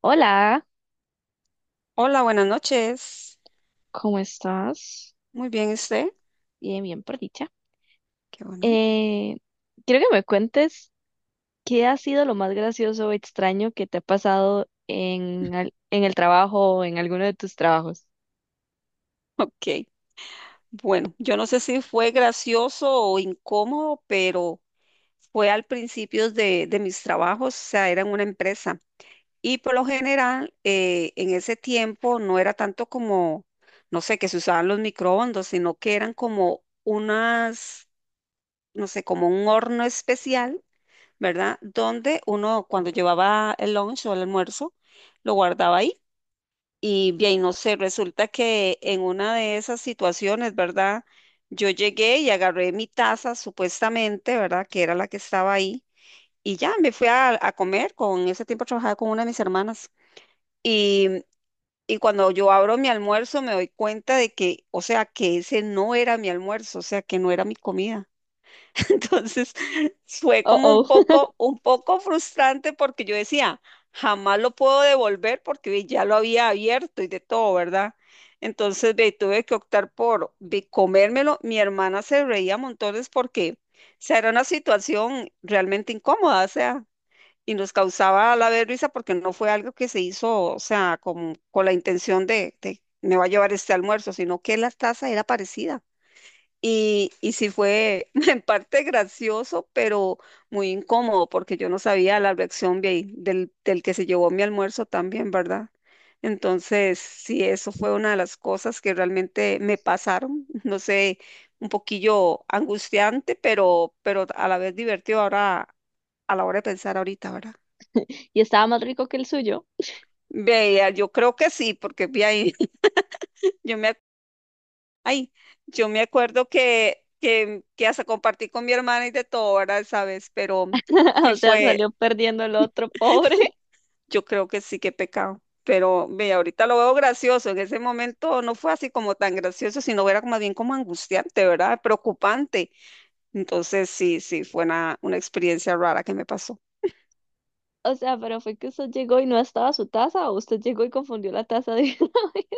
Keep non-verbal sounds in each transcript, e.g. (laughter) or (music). Hola, Hola, buenas noches. ¿cómo estás? Muy bien, ¿y usted? Bien, bien, por dicha. Qué bueno. Eh, quiero que me cuentes qué ha sido lo más gracioso o extraño que te ha pasado en el trabajo o en alguno de tus trabajos. (laughs) Ok. Bueno, yo no sé si fue gracioso o incómodo, pero fue al principio de mis trabajos, o sea, era en una empresa. Y por lo general, en ese tiempo no era tanto como, no sé, que se usaban los microondas, sino que eran como unas, no sé, como un horno especial, ¿verdad? Donde uno cuando llevaba el lunch o el almuerzo, lo guardaba ahí. Y bien, no sé, resulta que en una de esas situaciones, ¿verdad? Yo llegué y agarré mi taza, supuestamente, ¿verdad? Que era la que estaba ahí. Y ya me fui a comer. Con ese tiempo trabajaba con una de mis hermanas. Y, y cuando yo abro mi almuerzo, me doy cuenta de que, o sea, que ese no era mi almuerzo, o sea, que no era mi comida. Entonces fue Oh, como un oh. (laughs) poco, un poco frustrante porque yo decía, jamás lo puedo devolver porque ve, ya lo había abierto y de todo, ¿verdad? Entonces ve, tuve que optar por ve, comérmelo. Mi hermana se reía montones porque, o sea, era una situación realmente incómoda, o sea, y nos causaba a la vez risa porque no fue algo que se hizo, o sea, con la intención de me va a llevar este almuerzo, sino que la taza era parecida. Y sí fue (laughs) en parte gracioso, pero muy incómodo, porque yo no sabía la reacción del que se llevó mi almuerzo también, ¿verdad? Entonces, sí, eso fue una de las cosas que realmente me pasaron, (laughs) no sé, un poquillo angustiante, pero a la vez divertido ahora, a la hora de pensar ahorita, ¿verdad? Y estaba más rico que el suyo. Vea, yo creo que sí, porque vi ahí, (laughs) yo me Ay, yo me acuerdo que hasta compartí con mi hermana y de todo, ¿verdad? ¿Sabes? Pero (laughs) sí O sea, fue, salió perdiendo el otro, pobre. (laughs) yo creo que sí, que pecado. Pero ve, ahorita lo veo gracioso. En ese momento no fue así como tan gracioso, sino era más bien como angustiante, ¿verdad? Preocupante. Entonces sí, sí, fue una experiencia rara que me pasó. O sea, pero fue que usted llegó y no estaba su taza o usted llegó y confundió la taza de. (laughs)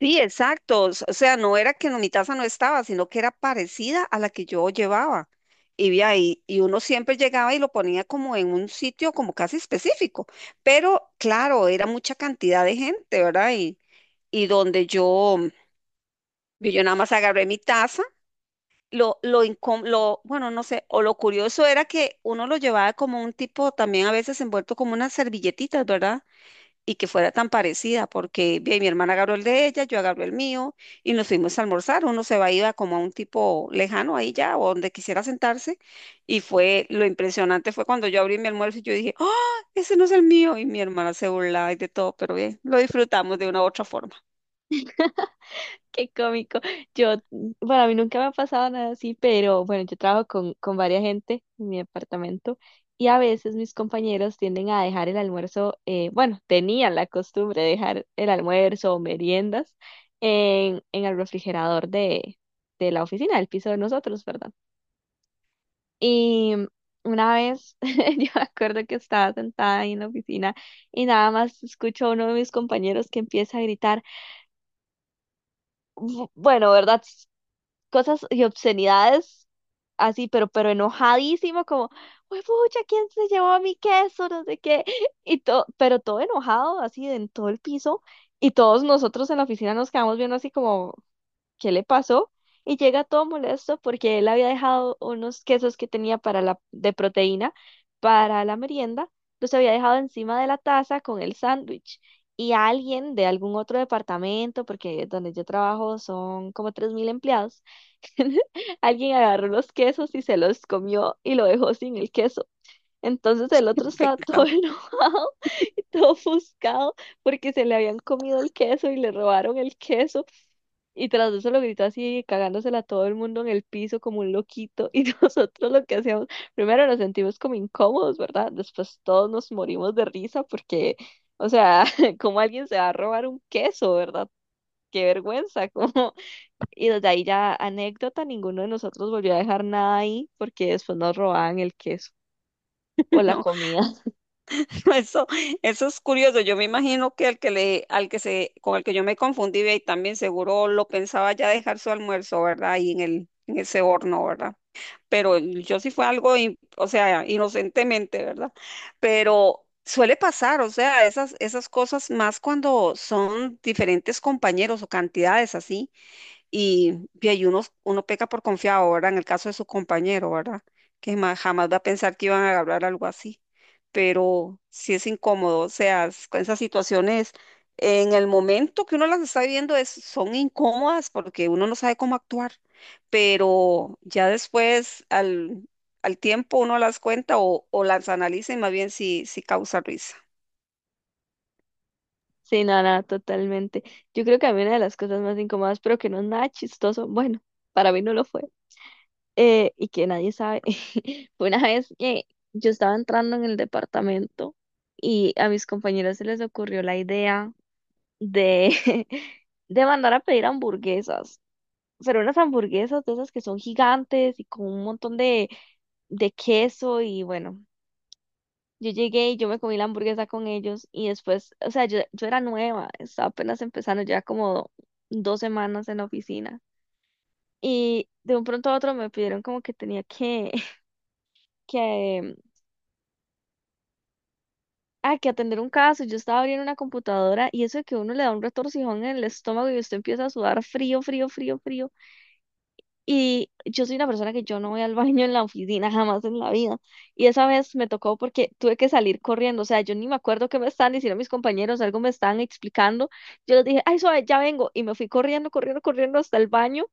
Sí, exacto. O sea, no era que no- mi taza no estaba, sino que era parecida a la que yo llevaba. Y, vi ahí, y uno siempre llegaba y lo ponía como en un sitio como casi específico. Pero claro, era mucha cantidad de gente, ¿verdad? Y donde yo nada más agarré mi taza. Bueno, no sé, o lo curioso era que uno lo llevaba como un tipo, también a veces envuelto como unas servilletitas, ¿verdad? Y que fuera tan parecida, porque ve, mi hermana agarró el de ella, yo agarré el mío y nos fuimos a almorzar. Uno se va iba como a un tipo lejano ahí ya, o donde quisiera sentarse. Y fue lo impresionante fue cuando yo abrí mi almuerzo y yo dije, ¡ah! Ese no es el mío. Y mi hermana se burlaba y de todo, pero bien, lo disfrutamos de una u otra forma. Qué cómico. Yo, bueno, a mí nunca me ha pasado nada así, pero bueno, yo trabajo con varias gente en mi departamento y a veces mis compañeros tienden a dejar el almuerzo, bueno, tenían la costumbre de dejar el almuerzo o meriendas en el refrigerador de la oficina, del piso de nosotros, ¿verdad? Y una vez (laughs) yo me acuerdo que estaba sentada ahí en la oficina y nada más escucho a uno de mis compañeros que empieza a gritar. Bueno, ¿verdad? Cosas y obscenidades así, pero enojadísimo, como, uy, pucha, ¿quién se llevó a mi queso? No sé qué. (laughs) Y todo, pero todo enojado, así, en todo el piso. Y todos nosotros en la oficina nos quedamos viendo así como, ¿qué le pasó? Y llega todo molesto porque él había dejado unos quesos que tenía para la, de proteína para la merienda, los había dejado encima de la taza con el sándwich. Y alguien de algún otro departamento, porque donde yo trabajo son como 3.000 empleados, (laughs) alguien agarró los quesos y se los comió y lo dejó sin el queso. Entonces el otro estaba todo (laughs) Pecado. enojado y todo ofuscado porque se le habían comido el queso y le robaron el queso. Y tras eso lo gritó así, cagándosela a todo el mundo en el piso como un loquito. (laughs) Y nosotros lo que hacíamos, primero nos sentimos como incómodos, ¿verdad? Después todos nos morimos de risa porque, o sea, (laughs) como alguien se va a robar un queso, ¿verdad? Qué vergüenza, (laughs) como, y desde ahí ya anécdota, ninguno de nosotros volvió a dejar nada ahí porque después nos robaban el queso o (laughs) la No, comida. (laughs) no, eso es curioso. Yo me imagino que el que le, al que se, con el que yo me confundí, ve, y también seguro lo pensaba ya dejar su almuerzo, ¿verdad? Ahí en el, en ese horno, ¿verdad? Pero yo sí fue algo, in- o sea, inocentemente, ¿verdad? Pero suele pasar, o sea, esas cosas más cuando son diferentes compañeros o cantidades así. Y ahí uno peca por confiado, ahora en el caso de su compañero, ¿verdad? Que ma- jamás va a pensar que iban a hablar algo así. Pero sí es incómodo, o sea, es- con esas situaciones, en el momento que uno las está viviendo, es, son incómodas porque uno no sabe cómo actuar. Pero ya después, al tiempo, uno las cuenta o las analiza y más bien si sí sí causa risa. Sí, nada, totalmente. Yo creo que a mí una de las cosas más incómodas, pero que no es nada chistoso, bueno, para mí no lo fue, y que nadie sabe, (laughs) fue una vez que yo estaba entrando en el departamento y a mis compañeros se les ocurrió la idea de, (laughs) de mandar a pedir hamburguesas. Pero unas hamburguesas de esas que son gigantes y con un montón de queso y bueno, yo llegué y yo me comí la hamburguesa con ellos y después, o sea, yo era nueva, estaba apenas empezando, ya como 2 semanas en la oficina y de un pronto a otro me pidieron como que tenía que, (laughs) que, que atender un caso, yo estaba abriendo una computadora y eso de que uno le da un retorcijón en el estómago y usted empieza a sudar frío, frío, frío, frío. Y yo soy una persona que yo no voy al (laughs) baño en la oficina jamás en la vida. Y esa vez me tocó porque tuve que salir corriendo. O sea, yo ni me acuerdo qué me estaban diciendo mis compañeros, algo me estaban explicando. Yo les dije, ay, suave, ya vengo. Y me fui corriendo, corriendo, corriendo hasta el baño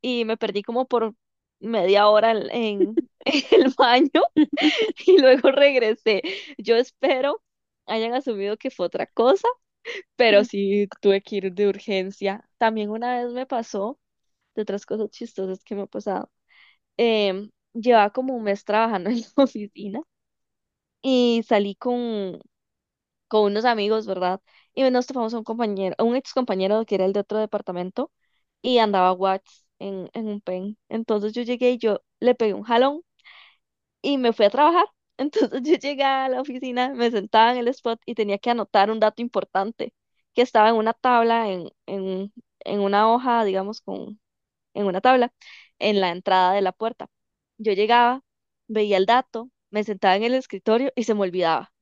y me perdí como por media hora en (laughs) en el baño y luego regresé. Yo espero hayan asumido que fue otra cosa, pero (laughs) sí tuve que ir de urgencia. También una vez me pasó, de otras cosas chistosas que me ha pasado, llevaba como un mes trabajando (laughs) en la oficina y salí con unos amigos, ¿verdad? Y nos topamos a un compañero, a un ex compañero que era el de otro departamento y andaba Watts en un pen. Entonces yo llegué y yo le pegué un jalón y me fui a trabajar. Entonces (laughs) yo llegué a la oficina, me sentaba en el spot y tenía que anotar un dato importante que estaba en una tabla, en una hoja, digamos, en una tabla, en la entrada de la puerta. Yo llegaba, veía el dato, me sentaba en el escritorio y se me olvidaba.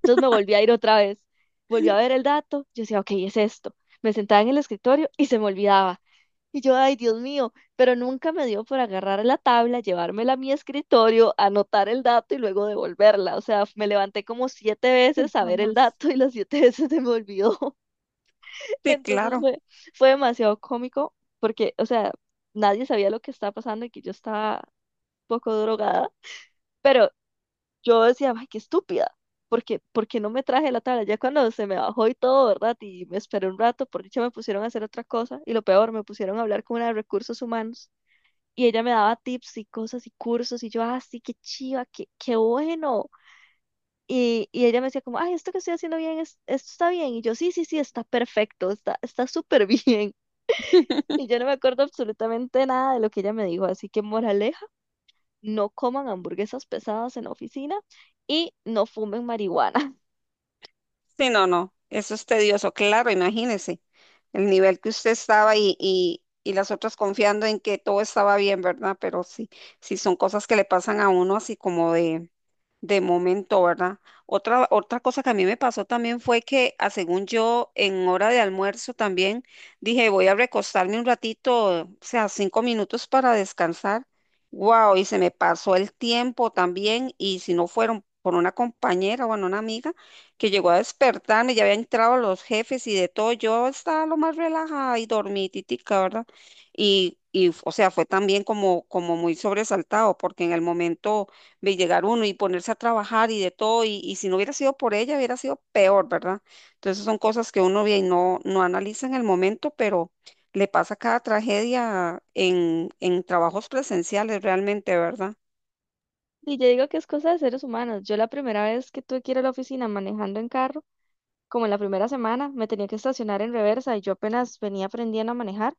Entonces me volví a ir otra vez, volví a ver el dato, yo decía, ok, es esto. Me sentaba en el escritorio y se me olvidaba. Y yo, ay, Dios mío, pero nunca me dio por agarrar la tabla, llevármela a mi escritorio, anotar el dato y luego devolverla. O sea, me levanté como siete Sí, veces a ver el jamás. dato y las siete (laughs) veces se me olvidó. Sí, Entonces claro. fue demasiado cómico porque, o sea, nadie sabía lo que estaba pasando y que yo estaba un poco drogada, pero yo decía, ay, qué estúpida, porque no me traje la tabla. Ya cuando se me bajó y todo, ¿verdad? Y me esperé un rato, por dicha me pusieron a hacer otra cosa y lo peor, me pusieron a hablar con una de recursos humanos y ella me daba tips y cosas y cursos y yo, ah, sí, qué chiva, qué bueno. Y ella me decía como, ay, esto que estoy haciendo bien, esto está bien. Y yo, sí, sí, sí, está perfecto, está súper (laughs) bien. Y yo no me acuerdo absolutamente nada de lo que ella me dijo, así que moraleja, no coman hamburguesas pesadas en la oficina y no fumen marihuana. (laughs) Sí, no, no, eso es tedioso, claro, imagínese el nivel que usted estaba y las otras confiando en que todo estaba bien, ¿verdad? Pero sí, sí son cosas que le pasan a uno así como de... De momento, ¿verdad? Otra, otra cosa que a mí me pasó también fue que, a según yo, en hora de almuerzo también dije, voy a recostarme un ratito, o sea, 5 minutos para descansar. Wow, y se me pasó el tiempo también, y si no fueron por una compañera, bueno, una amiga que llegó a despertarme, ya habían entrado los jefes y de todo, yo estaba lo más relajada y dormititica, ¿verdad? Y, o sea, fue también como, como muy sobresaltado, porque en el momento de llegar uno y ponerse a trabajar y de todo, y si no hubiera sido por ella, hubiera sido peor, ¿verdad? Entonces son cosas que uno ve y no, no analiza en el momento, pero le pasa cada tragedia en trabajos presenciales realmente, ¿verdad? Y yo digo que es cosa de seres humanos. Yo la primera vez que tuve que ir a la oficina manejando en carro, como en la primera semana, me tenía que estacionar en reversa y yo apenas venía aprendiendo a manejar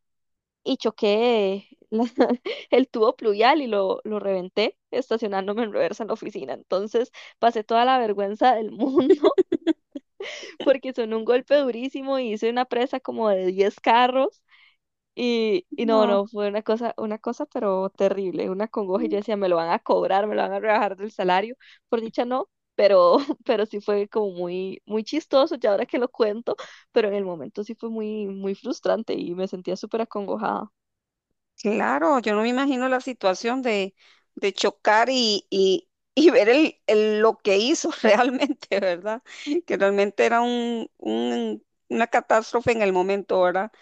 y choqué (laughs) el tubo pluvial y lo reventé estacionándome en reversa en la oficina. Entonces pasé toda la vergüenza del (laughs) mundo. Porque sonó un golpe durísimo y hice una presa como de 10 carros. Y no, No, no, fue una cosa, pero terrible, una congoja. Y yo mm, decía, me lo van a cobrar, me lo van a rebajar del salario. Por dicha, no, pero, (laughs) pero sí fue como muy, muy chistoso, ya ahora que lo cuento, pero en el momento sí fue muy, muy frustrante y me sentía súper acongojada. claro, yo no me imagino la situación de chocar y ver el- lo que hizo (laughs) realmente, ¿verdad? Que realmente era un- una catástrofe en el momento, ¿verdad?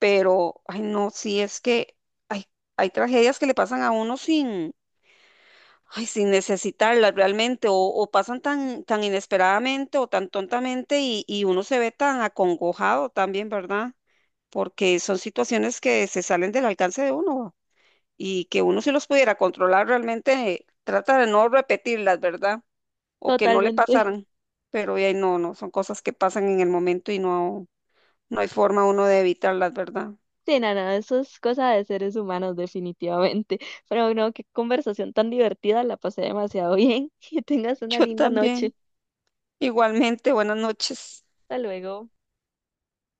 Pero, ay, no, sí es que hay, hay tragedias que le pasan a uno sin, ay, sin necesitarlas realmente, o pasan tan inesperadamente o tan tontamente y uno se ve tan acongojado también, ¿verdad? Porque son situaciones que se salen del alcance de uno y que uno si los pudiera controlar realmente trata de no repetirlas, ¿verdad? O que no le Totalmente. (laughs) pasaran, pero ay, no, no, son cosas que pasan en el momento y no, no hay forma uno de evitarlas, ¿verdad? Sí, no, no, eso es cosa de seres humanos, definitivamente. Pero bueno, qué conversación tan divertida, la pasé demasiado bien. (laughs) Que tengas (laughs) una Yo linda también. noche. Igualmente, buenas noches. Hasta luego.